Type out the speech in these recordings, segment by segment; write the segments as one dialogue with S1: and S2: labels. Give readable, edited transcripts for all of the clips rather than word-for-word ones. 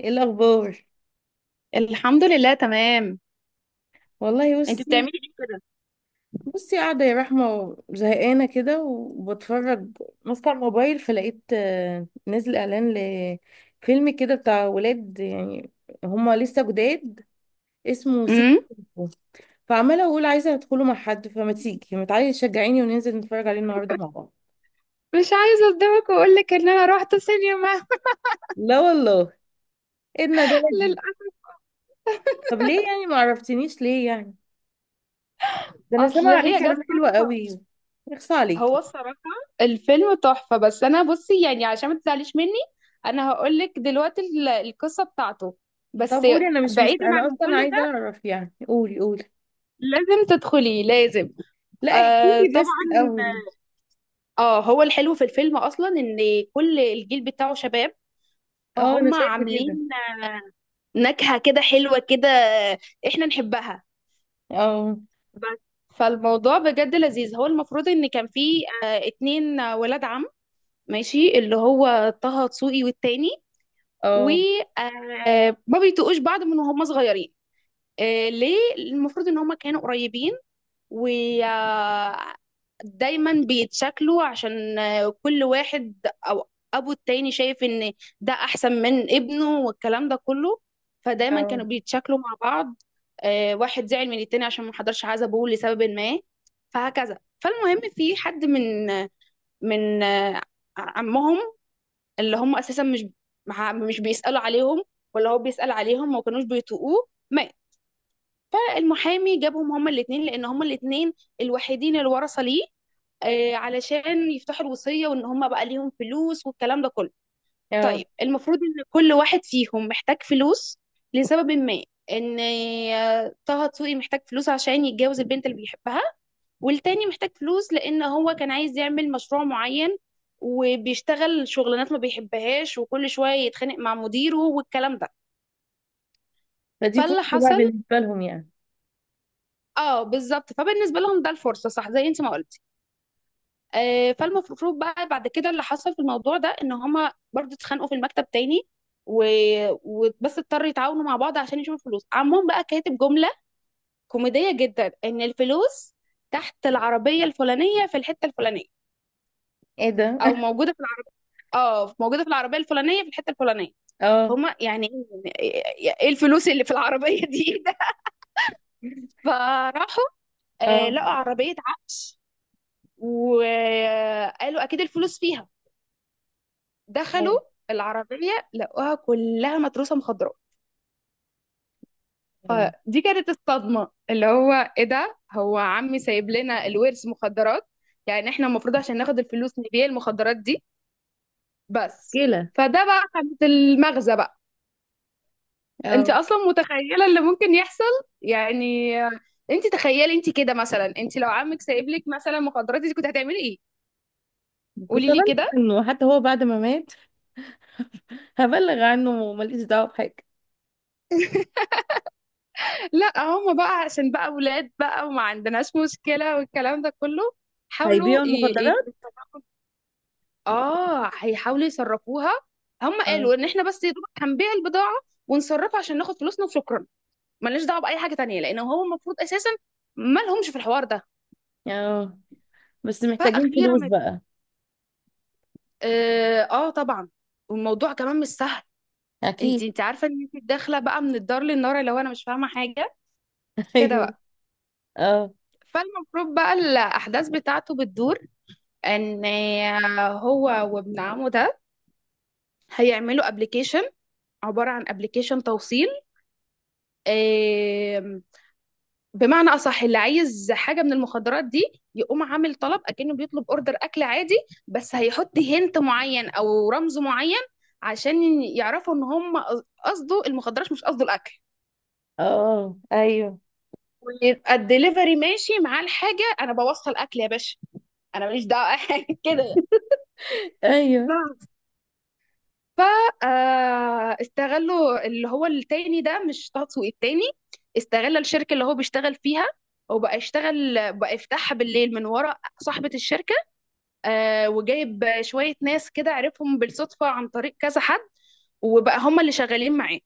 S1: ايه الاخبار؟
S2: الحمد لله تمام.
S1: والله
S2: انت بتعملي
S1: بصي،
S2: ليه كده؟
S1: بصي، قاعده يا رحمه زهقانه كده وبتفرج، ماسكه الموبايل فلقيت نزل اعلان لفيلم كده بتاع ولاد يعني، هما لسه جداد، اسمه سيكو.
S2: امم.
S1: سيكو. فعماله اقول عايزه ادخله مع حد، فما تيجي ما تعالي تشجعيني وننزل نتفرج عليه النهارده مع بعض.
S2: مش عايزه اصدمك واقول لك ان انا رحت سينما.
S1: لا والله. ايه الندالة دي؟
S2: للاسف.
S1: طب ليه يعني؟ ما عرفتنيش ليه يعني؟ ده انا
S2: اصل
S1: سامعه عليه
S2: هي جت
S1: كلام حلو
S2: صدفة.
S1: قوي. يخص عليك.
S2: هو الصراحه الفيلم تحفه، بس انا بصي يعني عشان ما تزعليش مني، انا هقول لك دلوقتي القصه بتاعته،
S1: طب
S2: بس.
S1: قولي، انا مش مست...
S2: بعيدا
S1: انا
S2: عن
S1: اصلا
S2: كل
S1: عايزه
S2: ده،
S1: اعرف يعني، قولي قولي.
S2: لازم تدخلي، لازم.
S1: لا احكي
S2: آه
S1: لي
S2: طبعا.
S1: بس الاول.
S2: اه، هو الحلو في الفيلم اصلا ان كل الجيل بتاعه شباب،
S1: اه، انا
S2: فهم
S1: شايفه كده.
S2: عاملين نكهة كده حلوة كده احنا نحبها،
S1: اه.
S2: بس. فالموضوع بجد لذيذ. هو المفروض ان كان في اتنين ولاد عم، ماشي، اللي هو طه دسوقي والتاني،
S1: اه.
S2: وما بيتقوش بعض من وهم صغيرين. ليه؟ المفروض ان هم كانوا قريبين، و آه، دايما بيتشكلوا عشان كل واحد، او ابو التاني شايف ان ده احسن من ابنه والكلام ده كله. فدايما كانوا
S1: اه.
S2: بيتشكلوا مع بعض. واحد زعل من التاني عشان ما حضرش عزبه لسبب ما، فهكذا. فالمهم، في حد من من آه، عمهم، اللي هم اساسا مش مش بيسالوا عليهم، ولا هو بيسال عليهم، ما كانوش بيطوقوه، مات. فالمحامي جابهم هما الاثنين، لان هما الاثنين الوحيدين الورثه ليه، علشان يفتحوا الوصية، وان هم بقى ليهم فلوس والكلام ده كله.
S1: اه.
S2: طيب المفروض ان كل واحد فيهم محتاج فلوس لسبب ما. ان طه دسوقي محتاج فلوس عشان يتجوز البنت اللي بيحبها، والتاني محتاج فلوس لان هو كان عايز يعمل مشروع معين، وبيشتغل شغلانات ما بيحبهاش، وكل شوية يتخانق مع مديره والكلام ده.
S1: فدي فرصه
S2: فاللي
S1: بقى
S2: حصل،
S1: بالنسبه لهم يعني.
S2: اه بالظبط، فبالنسبة لهم ده الفرصة، صح زي انت ما قلت. فالمفروض بقى بعد كده، اللي حصل في الموضوع ده، ان هما برضو اتخانقوا في المكتب تاني، و... وبس اضطروا يتعاونوا مع بعض عشان يشوفوا الفلوس. عمهم بقى كاتب جملة كوميدية جدا، ان الفلوس تحت العربية الفلانية في الحتة الفلانية،
S1: ايه ده؟
S2: او موجودة في العر... اه موجودة في العربية الفلانية في الحتة الفلانية.
S1: اه.
S2: هما يعني ايه إيه الفلوس اللي في العربية دي؟ فراحوا،
S1: اه.
S2: لقوا عربية عفش، وقالوا اكيد الفلوس فيها.
S1: اه.
S2: دخلوا العربية لقوها كلها متروسة مخدرات.
S1: آه.
S2: فدي كانت الصدمة، اللي هو ايه ده؟ هو عمي سايب لنا الورث مخدرات؟ يعني احنا المفروض عشان ناخد الفلوس نبيع المخدرات دي، بس.
S1: كده.
S2: فده بقى كانت المغزى بقى.
S1: اه.
S2: انت اصلا متخيلة اللي ممكن يحصل؟ يعني انت تخيلي انت كده، مثلا انت لو عمك سايب لك مثلا مخدرات، انت كنت هتعملي ايه؟
S1: كنت
S2: قولي لي
S1: ابلغ
S2: كده.
S1: عنه حتى هو بعد ما مات، هبلغ عنه وماليش دعوه بحاجه.
S2: لا، هم بقى عشان بقى ولاد بقى، وما عندناش مشكلة والكلام ده كله، حاولوا.
S1: هيبيعوا المخدرات.
S2: اه، هيحاولوا يصرفوها. هم
S1: اه.
S2: قالوا ان احنا بس يا دوبك هنبيع البضاعه، ونصرفها عشان ناخد فلوسنا وشكرا. ملناش دعوه باي حاجه تانية، لان هو المفروض اساسا ما لهمش في الحوار ده.
S1: اه، بس محتاجين
S2: فاخيرا،
S1: فلوس بقى.
S2: اه, آه طبعا. والموضوع كمان مش سهل. انت
S1: اكيد.
S2: انت عارفه ان انت داخله بقى من الدار للنار، لو انا مش فاهمه حاجه، كده
S1: ايوه.
S2: بقى.
S1: اه.
S2: فالمفروض بقى الاحداث بتاعته بتدور، ان هو وابن عمه ده هيعملوا ابلكيشن، عباره عن ابلكيشن توصيل. بمعنى اصح، اللي عايز حاجه من المخدرات دي، يقوم عامل طلب اكنه بيطلب اوردر اكل عادي، بس هيحط هنت معين او رمز معين عشان يعرفوا ان هم قصده المخدرات مش قصده الاكل.
S1: اه. ايوه.
S2: ويبقى الدليفري ماشي معاه الحاجه، انا بوصل اكل يا باشا، انا ماليش دعوه، كده.
S1: ايوه.
S2: ف استغلوا، اللي هو التاني ده مش طه دسوقي، التاني استغل الشركه اللي هو بيشتغل فيها، وبقى يشتغل بقى، يفتحها بالليل من ورا صاحبه الشركه. وجايب شوية ناس كده عرفهم بالصدفة عن طريق كذا حد، وبقى هم اللي شغالين معاه،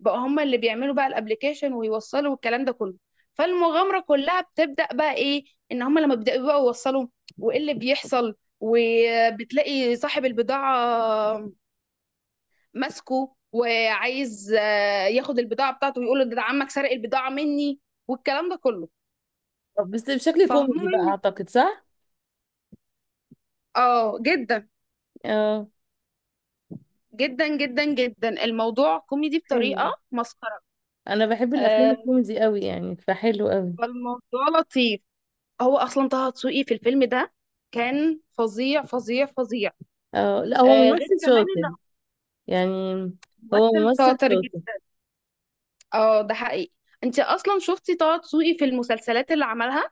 S2: بقى هم اللي بيعملوا بقى الابليكيشن ويوصلوا والكلام ده كله. فالمغامرة كلها بتبدأ بقى ايه؟ ان هم لما بيبدأوا بقى يوصلوا، وايه اللي بيحصل، وبتلاقي صاحب البضاعة ماسكه وعايز ياخد البضاعة بتاعته، ويقول له ده عمك سرق البضاعة مني والكلام ده كله.
S1: طب بس بشكل
S2: فهم
S1: كوميدي بقى اعتقد، صح؟
S2: اه، جدا
S1: اه.
S2: جدا جدا جدا الموضوع كوميدي
S1: حلو.
S2: بطريقة مسخرة.
S1: انا بحب الافلام
S2: آه،
S1: الكوميدي قوي يعني، فحلو قوي.
S2: فالموضوع لطيف. هو اصلا طه دسوقي في الفيلم ده كان فظيع فظيع فظيع.
S1: اه، لا هو
S2: غير
S1: ممثل
S2: كمان انه
S1: شاطر يعني. هو
S2: ممثل
S1: ممثل
S2: شاطر
S1: شاطر.
S2: جدا. اه، ده حقيقي. انت اصلا شفتي طه دسوقي في المسلسلات اللي عملها؟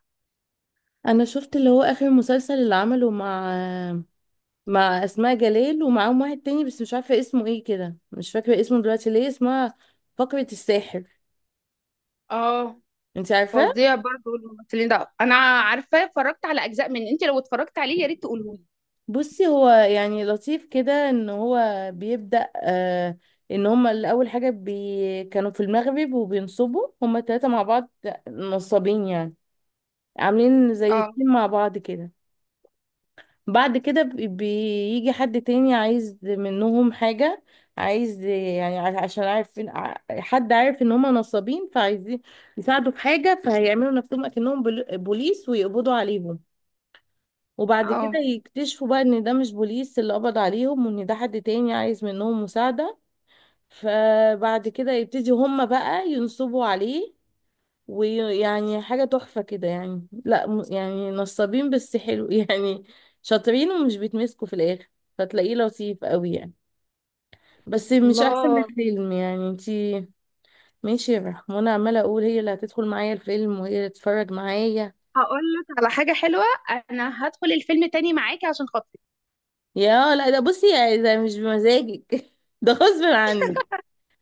S1: انا شفت اللي هو اخر مسلسل اللي عمله مع مع اسماء جلال، ومعاهم واحد تاني بس مش عارفه اسمه ايه كده، مش فاكره اسمه دلوقتي. ليه اسمها فقرة الساحر.
S2: اه،
S1: انت عارفه؟
S2: فظيع برضو الممثلين ده. انا عارفه اتفرجت على اجزاء من انت، لو اتفرجت عليه يا ريت تقولهولي.
S1: بصي، هو يعني لطيف كده، ان هو بيبدأ ان هما الاول حاجة كانوا في المغرب وبينصبوا هما التلاتة مع بعض، نصابين يعني، عاملين زي
S2: اه.
S1: التيم مع بعض كده. بعد كده بيجي حد تاني عايز منهم حاجة، عايز يعني عشان عارفين، حد عارف ان هما نصابين، فعايزين يساعدوا في حاجة، فهيعملوا نفسهم اكنهم بوليس ويقبضوا عليهم. وبعد كده
S2: اه.
S1: يكتشفوا بقى ان ده مش بوليس اللي قبض عليهم، وان ده حد تاني عايز منهم مساعدة. فبعد كده يبتدي هما بقى ينصبوا عليه، ويعني حاجة تحفة كده يعني، لا م- يعني نصابين بس حلو يعني، شاطرين ومش بيتمسكوا في الآخر، فتلاقيه لطيف قوي يعني. بس مش احسن من
S2: الله.
S1: الفيلم يعني انتي. ماشي يا رحمة، وانا عمالة اقول هي اللي هتدخل معايا الفيلم وهي اللي تتفرج معايا.
S2: هقول لك على حاجه حلوه، انا هدخل الفيلم تاني معاكي عشان خاطري.
S1: يا لا، ده بصي يعني، ده مش بمزاجك ده غصب عنك.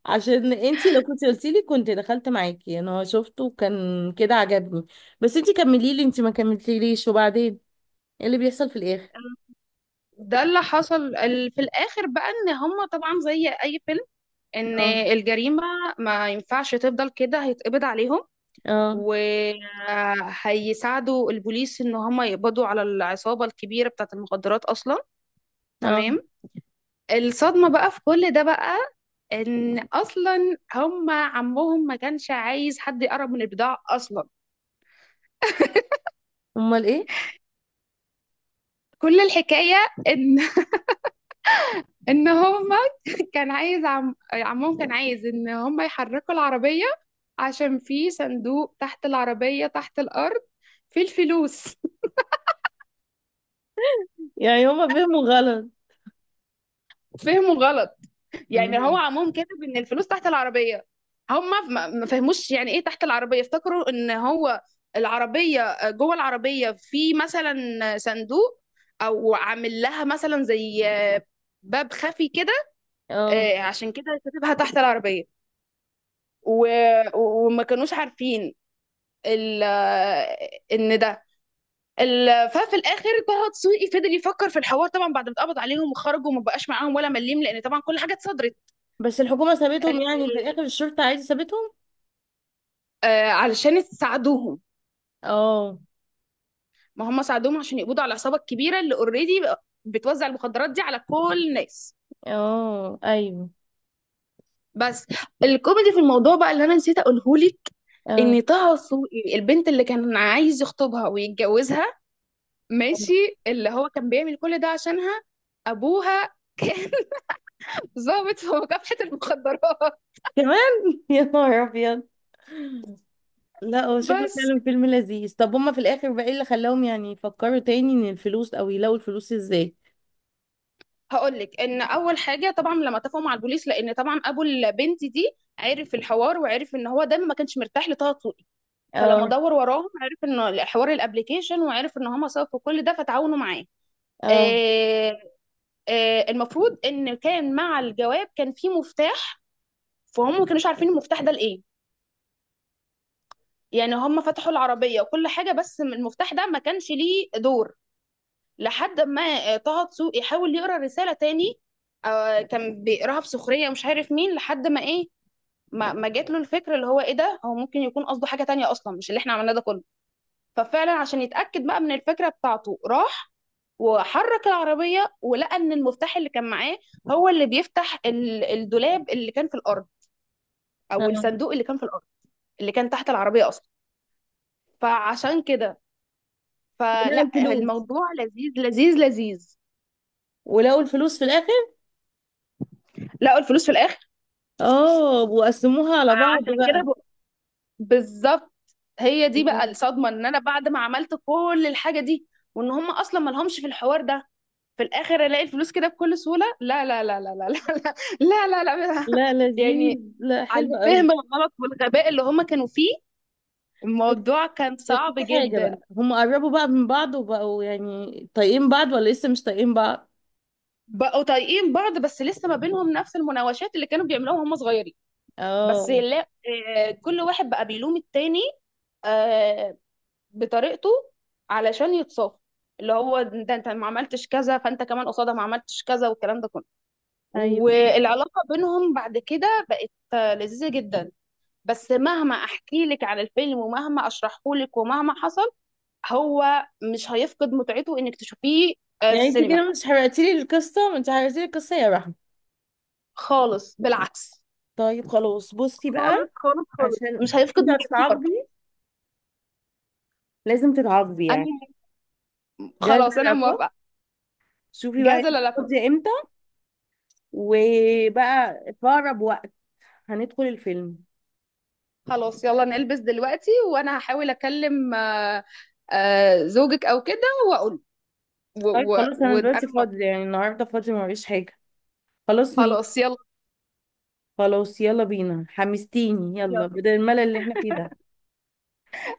S1: عشان انتي لو كنت قلتي لي كنت دخلت معاكي، انا شفته وكان كده عجبني. بس انتي كملي لي، انتي ما كملتيليش. وبعدين ايه اللي بيحصل في الاخر؟
S2: ده اللي حصل في الاخر بقى، ان هم طبعا زي اي فيلم، ان
S1: اه.
S2: الجريمة ما ينفعش تفضل كده، هيتقبض عليهم.
S1: اه.
S2: وهيساعدوا البوليس ان هم يقبضوا على العصابة الكبيرة بتاعة المخدرات اصلا،
S1: اه.
S2: تمام. الصدمة بقى في كل ده بقى، ان اصلا هم عمهم ما كانش عايز حد يقرب من البضاعة اصلا.
S1: امال ايه؟
S2: كل الحكاية ان ان هم، كان عايز عم عمهم كان عايز ان هم يحركوا العربية، عشان في صندوق تحت العربية، تحت الأرض، في الفلوس.
S1: يعني هما فهموا غلط.
S2: فهموا غلط. يعني هو
S1: مم.
S2: عمهم كاتب ان الفلوس تحت العربيه، هم ما فهموش يعني ايه تحت العربيه. افتكروا ان هو العربيه، جوه العربيه في مثلا صندوق، او عامل لها مثلا زي باب خفي كده،
S1: اه،
S2: عشان كده كاتبها تحت العربيه. و... وما كانوش عارفين ال... ان ده ففي الاخر طه دسوقي فضل يفكر في الحوار، طبعا بعد ما اتقبض عليهم وخرجوا وما بقاش معاهم ولا مليم، لان طبعا كل حاجه اتصدرت.
S1: بس الحكومة سابتهم يعني في الاخر؟ الشرطة عادي سابتهم؟
S2: آه، علشان تساعدوهم.
S1: اه.
S2: ما هم ساعدوهم عشان يقبضوا على العصابه الكبيره اللي اوريدي بتوزع المخدرات دي على كل الناس،
S1: اه. ايوه.
S2: بس. الكوميدي في الموضوع بقى اللي انا نسيت اقوله لك،
S1: اه.
S2: ان طه السوقي، البنت اللي كان عايز يخطبها ويتجوزها، ماشي، اللي هو كان بيعمل كل ده عشانها، ابوها كان ضابط في مكافحه المخدرات،
S1: كمان؟ يا نهار ابيض. لا هو شكله
S2: بس.
S1: فعلا فيلم لذيذ. طب هما في الاخر بقى ايه اللي خلاهم يعني يفكروا تاني ان الفلوس، او يلاقوا الفلوس ازاي؟
S2: هقول لك ان اول حاجه طبعا لما اتفقوا مع البوليس، لان طبعا ابو البنت دي عرف الحوار، وعرف ان هو دايما ما كانش مرتاح لطه. فلما
S1: اه.
S2: دور وراهم، عرف ان حوار الابليكيشن، وعرف ان هم سبب في كل ده، فتعاونوا معاه.
S1: اه.
S2: آه، المفروض ان كان مع الجواب كان في مفتاح، فهم ما كانوش عارفين المفتاح ده لايه. يعني هم فتحوا العربيه وكل حاجه، بس المفتاح ده ما كانش ليه دور. لحد ما طه دسوقي حاول يقرا رساله تاني. كان بيقراها بسخريه مش عارف مين، لحد ما ايه، ما جات له الفكره، اللي هو ايه ده، هو ممكن يكون قصده حاجه تانية اصلا، مش اللي احنا عملناه ده كله. ففعلا عشان يتأكد بقى من الفكرة بتاعته، راح وحرك العربية، ولقى إن المفتاح اللي كان معاه، هو اللي بيفتح الدولاب اللي كان في الأرض، أو
S1: آه.
S2: الصندوق اللي كان في الأرض، اللي كان تحت العربية أصلا. فعشان كده،
S1: ولقوا
S2: فلا،
S1: الفلوس،
S2: الموضوع لذيذ لذيذ لذيذ.
S1: ولقوا الفلوس في الاخر.
S2: لقوا الفلوس في الآخر.
S1: اه، وقسموها على بعض
S2: فعشان كده
S1: بقى.
S2: بالظبط. هي دي بقى
S1: الله.
S2: الصدمة، إن أنا بعد ما عملت كل الحاجة دي، وإن هم أصلا مالهمش في الحوار ده، في الاخر الاقي الفلوس كده بكل سهوله؟ لا، لا، لا، لا، لا، لا. لا، لا، لا, لا.
S1: لا لذيذ.
S2: يعني،
S1: لا
S2: عن
S1: حلو قوي.
S2: الفهم الغلط والغباء اللي هما كانوا فيه،
S1: بس
S2: الموضوع كان
S1: بس
S2: صعب
S1: في حاجة
S2: جدا.
S1: بقى، هم قربوا بقى من بعض وبقوا يعني طايقين بعض، ولا لسه مش طايقين بعض؟
S2: بقوا طايقين بعض، بس لسه ما بينهم نفس المناوشات اللي كانوا بيعملوها وهم صغيرين. بس
S1: اه.
S2: لا، كل واحد بقى بيلوم التاني آه، بطريقته علشان يتصاف، اللي هو ده انت ما عملتش كذا، فانت كمان قصادها ما عملتش كذا والكلام ده كله.
S1: ايوه.
S2: والعلاقه بينهم بعد كده بقت لذيذه جدا. بس مهما احكي لك عن الفيلم، ومهما اشرحه لك، ومهما حصل، هو مش هيفقد متعته انك تشوفيه في
S1: يعني انت
S2: السينما.
S1: كده مش حرقتي لي القصة؟ ما انت حرقتي لي القصة يا رحمة.
S2: خالص، بالعكس،
S1: طيب خلاص بصي بقى،
S2: خالص خالص خالص
S1: عشان
S2: مش هيفقد
S1: انت
S2: متعته برضه.
S1: هتتعاقبي، لازم تتعاقبي يعني.
S2: انا،
S1: جاهزة
S2: خلاص انا
S1: العقاب.
S2: موافقه،
S1: شوفي بقى، انت
S2: جاهزه للقاء.
S1: فاضية امتى؟ وبقى في اقرب وقت هندخل الفيلم.
S2: خلاص يلا نلبس دلوقتي، وانا هحاول اكلم زوجك او كده، واقول.
S1: طيب خلاص انا
S2: وانا
S1: دلوقتي
S2: موافقه.
S1: فاضي يعني، النهارده فاضي ما فيش حاجه. خلاص ميت.
S2: خلاص يلا،
S1: خلاص يلا بينا، حمستيني، يلا
S2: يلا.
S1: بدل الملل اللي احنا فيه ده.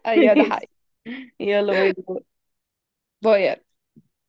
S2: ايوه ده حقيقي.
S1: يلا، باي باي.
S2: باي.